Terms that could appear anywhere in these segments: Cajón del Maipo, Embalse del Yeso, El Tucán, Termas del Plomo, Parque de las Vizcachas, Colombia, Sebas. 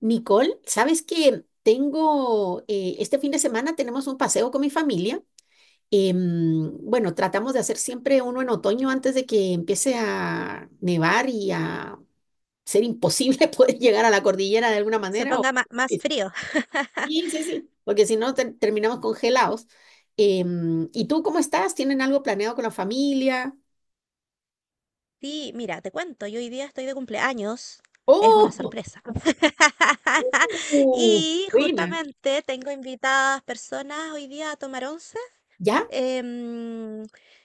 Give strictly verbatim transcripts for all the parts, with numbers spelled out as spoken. Nicole, ¿sabes que Tengo, eh, este fin de semana tenemos un paseo con mi familia? Em, bueno, tratamos de hacer siempre uno en otoño antes de que empiece a nevar y a ser imposible poder llegar a la cordillera de alguna Se manera. o- ponga ma- más frío. Sí, sí, sí, porque si no ter- terminamos congelados. Em, ¿y tú cómo estás? ¿Tienen algo planeado con la familia? Sí, mira, te cuento, yo hoy día estoy de cumpleaños. Es una ¡Oh! sorpresa. ¡Uh! Y Buena. justamente tengo invitadas personas hoy día a tomar once. ¿Ya? em,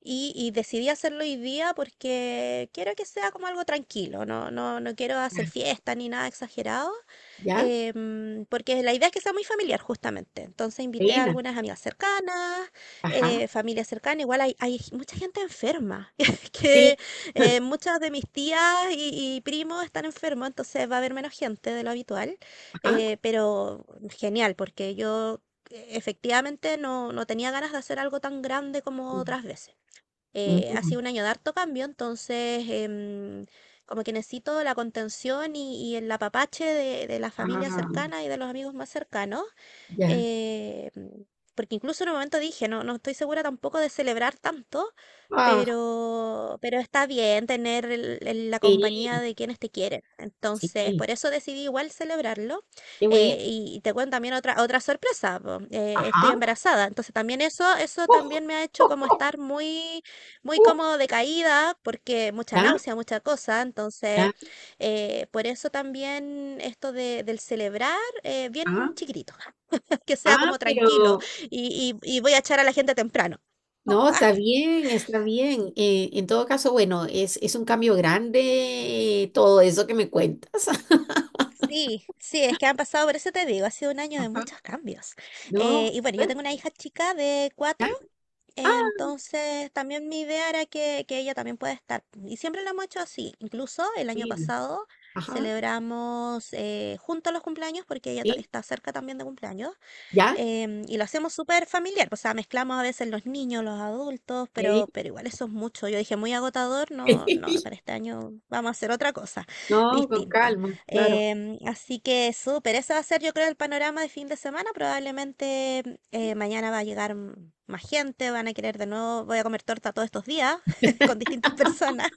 y, y decidí hacerlo hoy día porque quiero que sea como algo tranquilo. No, no, no quiero hacer fiesta ni nada exagerado. ¿Ya? Em, porque la idea es que sea muy familiar justamente. Entonces invité a Buena. algunas amigas cercanas, Ajá. eh, familia cercana, igual hay, hay mucha gente enferma, que Sí. eh, muchas de mis tías y, y primos están enfermos, entonces va a haber menos gente de lo habitual, Ajá. eh, pero genial, porque yo... eh, Efectivamente, no, no tenía ganas de hacer algo tan grande como otras veces. Eh, ha Mm, sido un año de harto cambio, entonces em, como que necesito la contención y, y el apapache de, de la familia ah, cercana y de los amigos más cercanos. ya. eh, Porque incluso en un momento dije, no, no estoy segura tampoco de celebrar tanto, Ah, pero, pero está bien tener el- el- la compañía sí, de quienes te quieren. Entonces, sí, por eso decidí igual celebrarlo. qué bueno. Eh, y, y te cuento también otra, otra sorpresa, po, eh, estoy Ajá. embarazada. Entonces, también eso, eso también me ha hecho Uh, como uh, estar muy muy uh, cómodo de caída porque mucha ya, náusea, mucha cosa. Entonces, ya, eh, por eso también esto de, del celebrar, eh, ah, bien chiquitito, que sea ah, como tranquilo pero y, y y voy a echar a la gente temprano. no, está bien, está bien. Eh, en todo caso, bueno, es, es un cambio grande, eh, todo eso que me cuentas. Sí, sí, es que han pasado, por eso te digo, ha sido un año de Ajá. muchos cambios. No, Eh, y bueno, yo ¿ves? tengo una hija chica de Ya. cuatro, Ah, entonces también mi idea era que, que ella también pueda estar. Y siempre lo hemos hecho así, incluso el año mira. pasado Ajá, celebramos, eh, juntos los cumpleaños porque ella ta- sí, está cerca también de cumpleaños. ya. Em, y lo hacemos súper familiar, o sea, mezclamos a veces los niños, los adultos, eh. pero, pero igual eso es mucho. Yo dije, muy agotador, no, no, para este año vamos a hacer otra cosa No, con distinta. calma, claro. Em, así que súper, ese va a ser yo creo el panorama de fin de semana, probablemente, eh, mañana va a llegar mm, más gente, van a querer de nuevo, voy a comer torta todos estos días con distintas personas.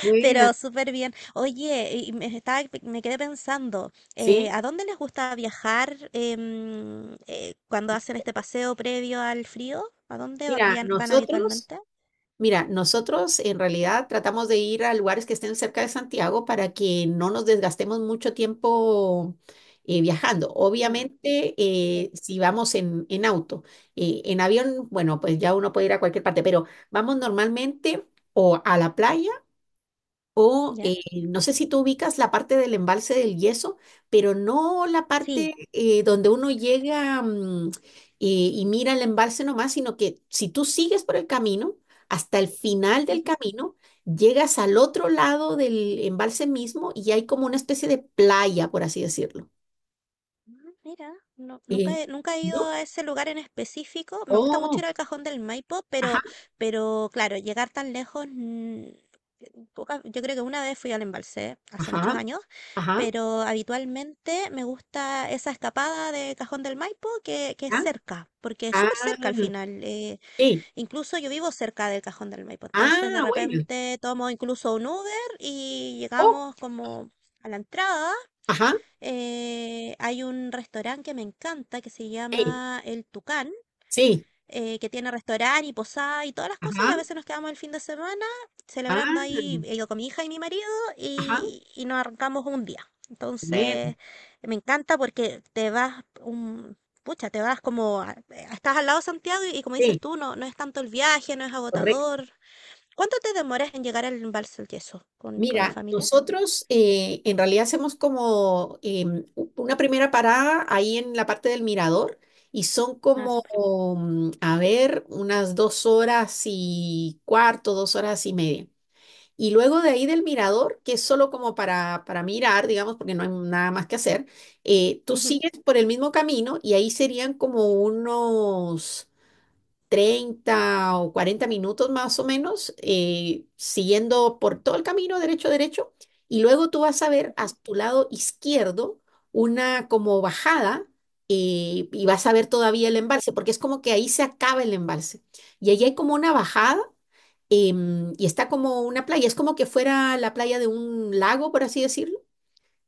Buena, Pero súper bien. Oye, y me, estaba, me quedé pensando, eh, sí. ¿a dónde les gusta viajar, em, eh, cuando hacen este paseo previo al frío? ¿A dónde va- Mira, vian- van nosotros. habitualmente? Mira, nosotros en realidad tratamos de ir a lugares que estén cerca de Santiago para que no nos desgastemos mucho tiempo eh, viajando. Mm, Obviamente, sí. eh, si vamos en, en auto, eh, en avión, bueno, pues ya uno puede ir a cualquier parte, pero vamos normalmente o a la playa o ¿Ya? eh, no sé si tú ubicas la parte del embalse del Yeso, pero no la Sí. parte eh, donde uno llega, mm, y y mira el embalse nomás, sino que si tú sigues por el camino, hasta el final del camino, llegas al otro lado del embalse mismo y hay como una especie de playa, por así decirlo. Ah, mira, no- nunca Eh, he, nunca he ido ¿No? a ese lugar en específico. Me gusta mucho Oh, ir al Cajón del Maipo, ajá, pero, pero claro, llegar tan lejos, mm, poca- yo creo que una vez fui al embalse, hace muchos ajá, años, ajá, pero habitualmente me gusta esa escapada de Cajón del Maipo que, que es ah, cerca, porque es ah, súper cerca al final. eh, sí, Incluso yo vivo cerca del Cajón del Maipo, entonces de ah, bueno, repente tomo incluso un Uber y oh, llegamos como a la entrada. ajá, eh, Hay un restaurante que me encanta que se sí, llama El Tucán, sí, eh, que tiene restaurante y posada y todas las cosas, y a ajá. veces nos quedamos el fin de semana Ah, celebrando ahí, eh, yo con mi hija y mi marido, ajá, y, y nos arrancamos un día. bueno, Entonces, me encanta porque te vas un... Pucha, te vas como... a- eh, estás al lado de Santiago y, y como dices sí, tú, no, no es tanto el viaje, no es correcto. agotador. ¿Cuánto te demoras en llegar al Embalse del Yeso con, con la Mira, familia? nosotros eh, en realidad hacemos como em, u- una primera parada ahí en la parte del mirador, y son Ah, como, súper. mm, a ver, unas dos horas y cuarto, dos horas y media. Y luego de ahí del mirador, que es solo como para, para mirar, digamos, porque no hay nada más que hacer, eh, tú Ujú, sigues por el mismo camino y ahí serían como unos treinta o cuarenta minutos más o menos, eh, siguiendo por todo el camino derecho, derecho, y luego tú vas a ver a ujú, tu lado izquierdo una como bajada, eh, y vas a ver todavía el ya. embalse, porque es como que ahí se acaba el embalse. Y ahí hay como una bajada, em, y está como una playa, es como que fuera la playa de un lago, por así decirlo.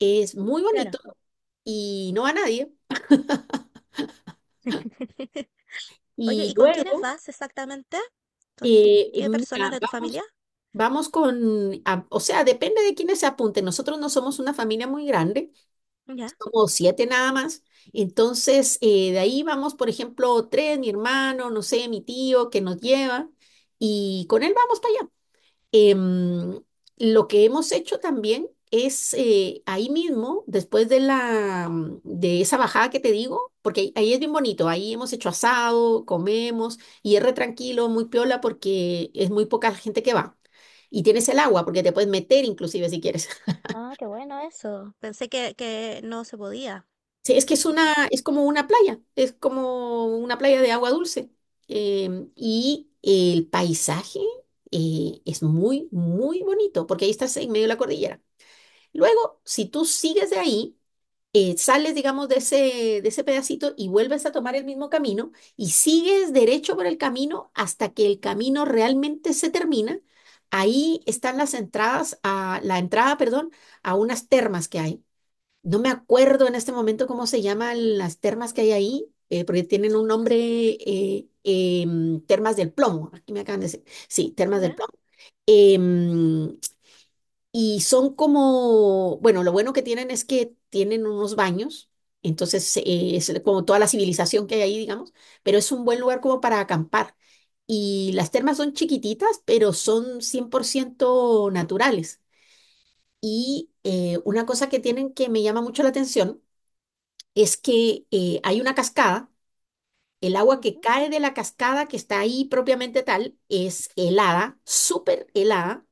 Es muy Claro. bonito y no va nadie. Oye, Y ¿y con quiénes luego, vas exactamente? ¿Con eh, qué personas mira, de tu vamos familia? Vamos con, a- o sea, depende de quiénes se apunten. Nosotros no somos una familia muy grande, Ya. somos siete nada más. Entonces, eh, de ahí vamos, por ejemplo, tres, mi hermano, no sé, mi tío que nos lleva, y con él vamos para allá. Em, lo que hemos hecho también es, eh, ahí mismo, después de la mm, de esa bajada que te digo, porque ahí, ahí es bien bonito, ahí hemos hecho asado, comemos y es re tranquilo, muy piola porque es muy poca la gente que va. Y tienes el agua porque te puedes meter inclusive si quieres. Ah, qué bueno eso. Pensé que, que no se podía. Sí, es que es una, Súper. es como una playa, es como una playa de agua dulce. Em, y el paisaje, eh, es muy, muy bonito porque ahí estás en medio de la cordillera. Luego, si tú sigues de ahí, eh, sales, digamos, de ese, de ese pedacito y vuelves a tomar el mismo camino y sigues derecho por el camino hasta que el camino realmente se termina. Ahí Ujú. están las entradas a la entrada, perdón, a unas termas que hay. No me acuerdo en este momento cómo se llaman las termas que hay ahí, eh, porque tienen un nombre, eh, em, termas del Plomo. Aquí me acaban de decir, sí, termas del Ya. Plomo. Em, y son como, bueno, lo bueno que tienen es que tienen unos baños, entonces, eh, es como toda la civilización que hay ahí, digamos, pero es un buen lugar como para acampar. Y las termas son chiquititas, pero son cien por ciento naturales. Y eh, una cosa que tienen que me llama mucho la atención es que eh, hay una cascada, el agua que Ujú. cae de la cascada que está ahí propiamente tal es helada, súper helada,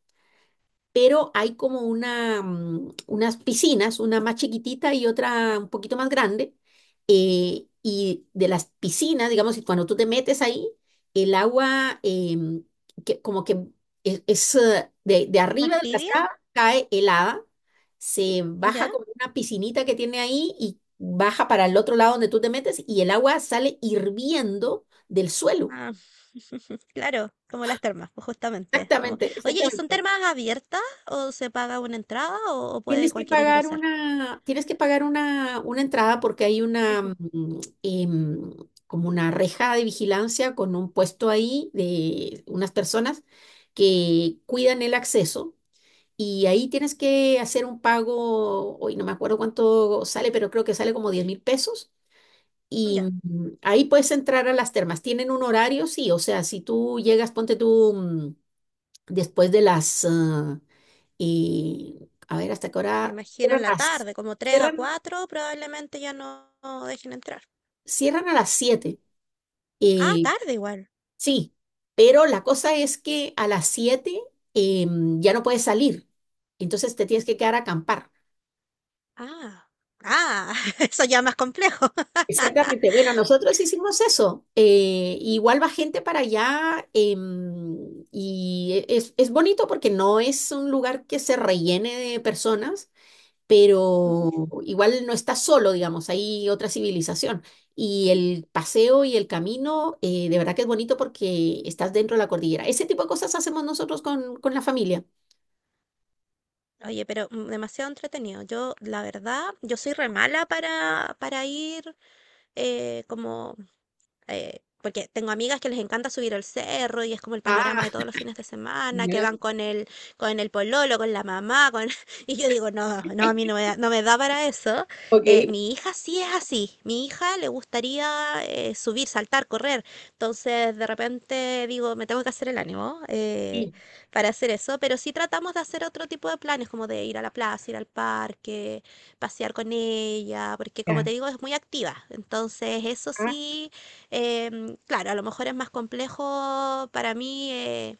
pero hay como una, mm, unas piscinas, una más chiquitita y otra un poquito más grande. Eh, y de las piscinas, digamos, y cuando tú te metes ahí, el agua, em, que, como que es, es, eh, de, de ¿Más arriba del tibia? cascada, cae helada, se baja Ya. como una piscinita que tiene ahí y baja para el otro lado donde tú te metes y el agua sale hirviendo del suelo. Ah, claro, como las termas, pues, justamente. como- Exactamente, Oye, ¿y son exactamente. termas abiertas o se paga una entrada o, o puede Tienes que cualquiera pagar ingresar? una, tienes que pagar una, una entrada porque hay una Ujú. mm, em, como una reja de vigilancia con un puesto ahí de unas personas que cuidan el acceso, y ahí tienes que hacer un pago. Hoy no me acuerdo cuánto sale, pero creo que sale como diez mil pesos y, Ya. mm, ahí puedes entrar a las termas. Tienen un horario, sí, o sea, si tú llegas, ponte tú, mm, después de las, ah, y a ver, ¿hasta qué Me hora? imagino Cierran, en la a las- tarde, como tres a cierran, cuatro probablemente ya no no dejen entrar. cierran a las siete. Ah, Eh, tarde igual. sí, pero la cosa es que a las siete, em, ya no puedes salir. Entonces te tienes que quedar a acampar. Ah, ah, eso ya más complejo. Exactamente. Bueno, nosotros hicimos eso. Eh, igual va gente para allá, em, y e- es, es bonito porque no es un lugar que se rellene de personas, Ujú. pero igual no estás solo, digamos, hay otra civilización. Y el paseo y el camino, eh, de verdad que es bonito porque estás dentro de la cordillera. Ese tipo de cosas hacemos nosotros con, con la familia. Oye, pero mm, demasiado entretenido. Yo, la verdad, yo soy re mala para, para ir, eh, como eh, porque tengo amigas que les encanta subir al cerro y es como el panorama Ah, de todos los fines de semana, que ya. van con el, con el pololo, con la mamá, con... y yo digo, no, no, a mí no me da, no me da para eso. Eh, Ok. mi hija sí es así, mi hija le gustaría, eh, subir, saltar, correr, entonces de repente digo, me tengo que hacer el ánimo, eh, Sí. para hacer eso, pero sí tratamos de hacer otro tipo de planes, como de ir a la plaza, ir al parque, pasear con ella, porque como te Ya. digo, es muy activa, entonces eso Ah, sí, eh, claro, a lo mejor es más complejo para mí, eh,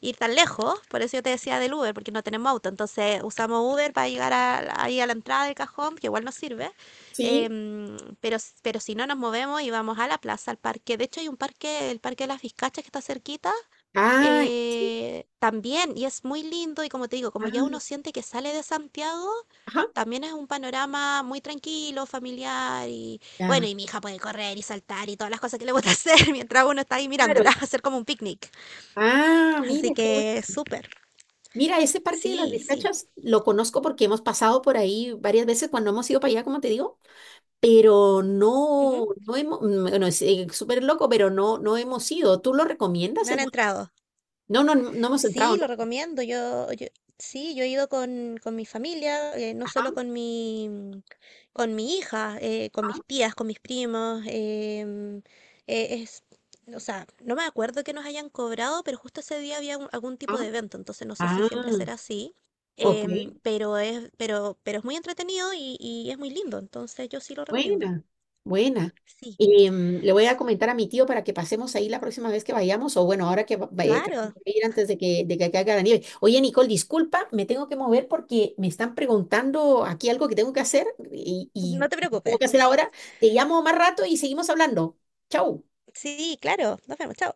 ir tan lejos, por eso yo te decía del Uber, porque no tenemos auto, entonces usamos Uber para llegar a- ahí a la entrada del cajón, que igual nos sirve, sí. em, pero, pero si no nos movemos y vamos a la plaza, al parque, de hecho hay un parque, el Parque de las Vizcachas que está cerquita, Ah, sí. eh, también, y es muy lindo, y como te digo, como ya uno Ah, siente que sale de Santiago, ajá. también es un panorama muy tranquilo, familiar, y bueno, Ya. y mi hija puede correr y saltar y todas las cosas que le gusta hacer mientras uno está ahí Claro. mirándola, hacer como un picnic. Ah, mira, Así qué bueno. que súper, Mira, ese parque de las sí, sí. Vizcachas lo conozco porque hemos pasado por ahí varias veces cuando hemos ido para allá, como te digo. Pero Ujú. no, no hemos, mm, bueno, es, eh, súper loco, pero no, no hemos ido. ¿Tú lo recomiendas? No Es era bueno. entrado. No, no, no no hemos entrado, Sí, lo ¿no? recomiendo. Yo, yo- sí, yo he ido con, con mi familia, eh, no solo Ajá, con mi, mm, con mi hija, eh, con ajá, mis tías, con mis primos. em, eh, es, o sea, no me acuerdo que nos hayan cobrado, pero justo ese día había un- algún tipo de ajá. evento, entonces no sé si Ah, siempre será así. ok, em, Pero es, pero, pero es muy entretenido y, y es muy lindo, entonces yo sí lo recomiendo. buena, buena. Sí, Y, mm, le voy a comentar a mi tío para que pasemos ahí la próxima vez que vayamos, o bueno, ahora que va- va- eh, tratemos claro, de ir antes de que, de que caiga la nieve. Oye, Nicole, disculpa, me tengo que mover porque me están preguntando aquí algo que tengo que hacer, y, y no te tengo que hacer preocupes. ahora. Te llamo más rato y seguimos hablando. Chau. Sí, claro, nos vemos, chao.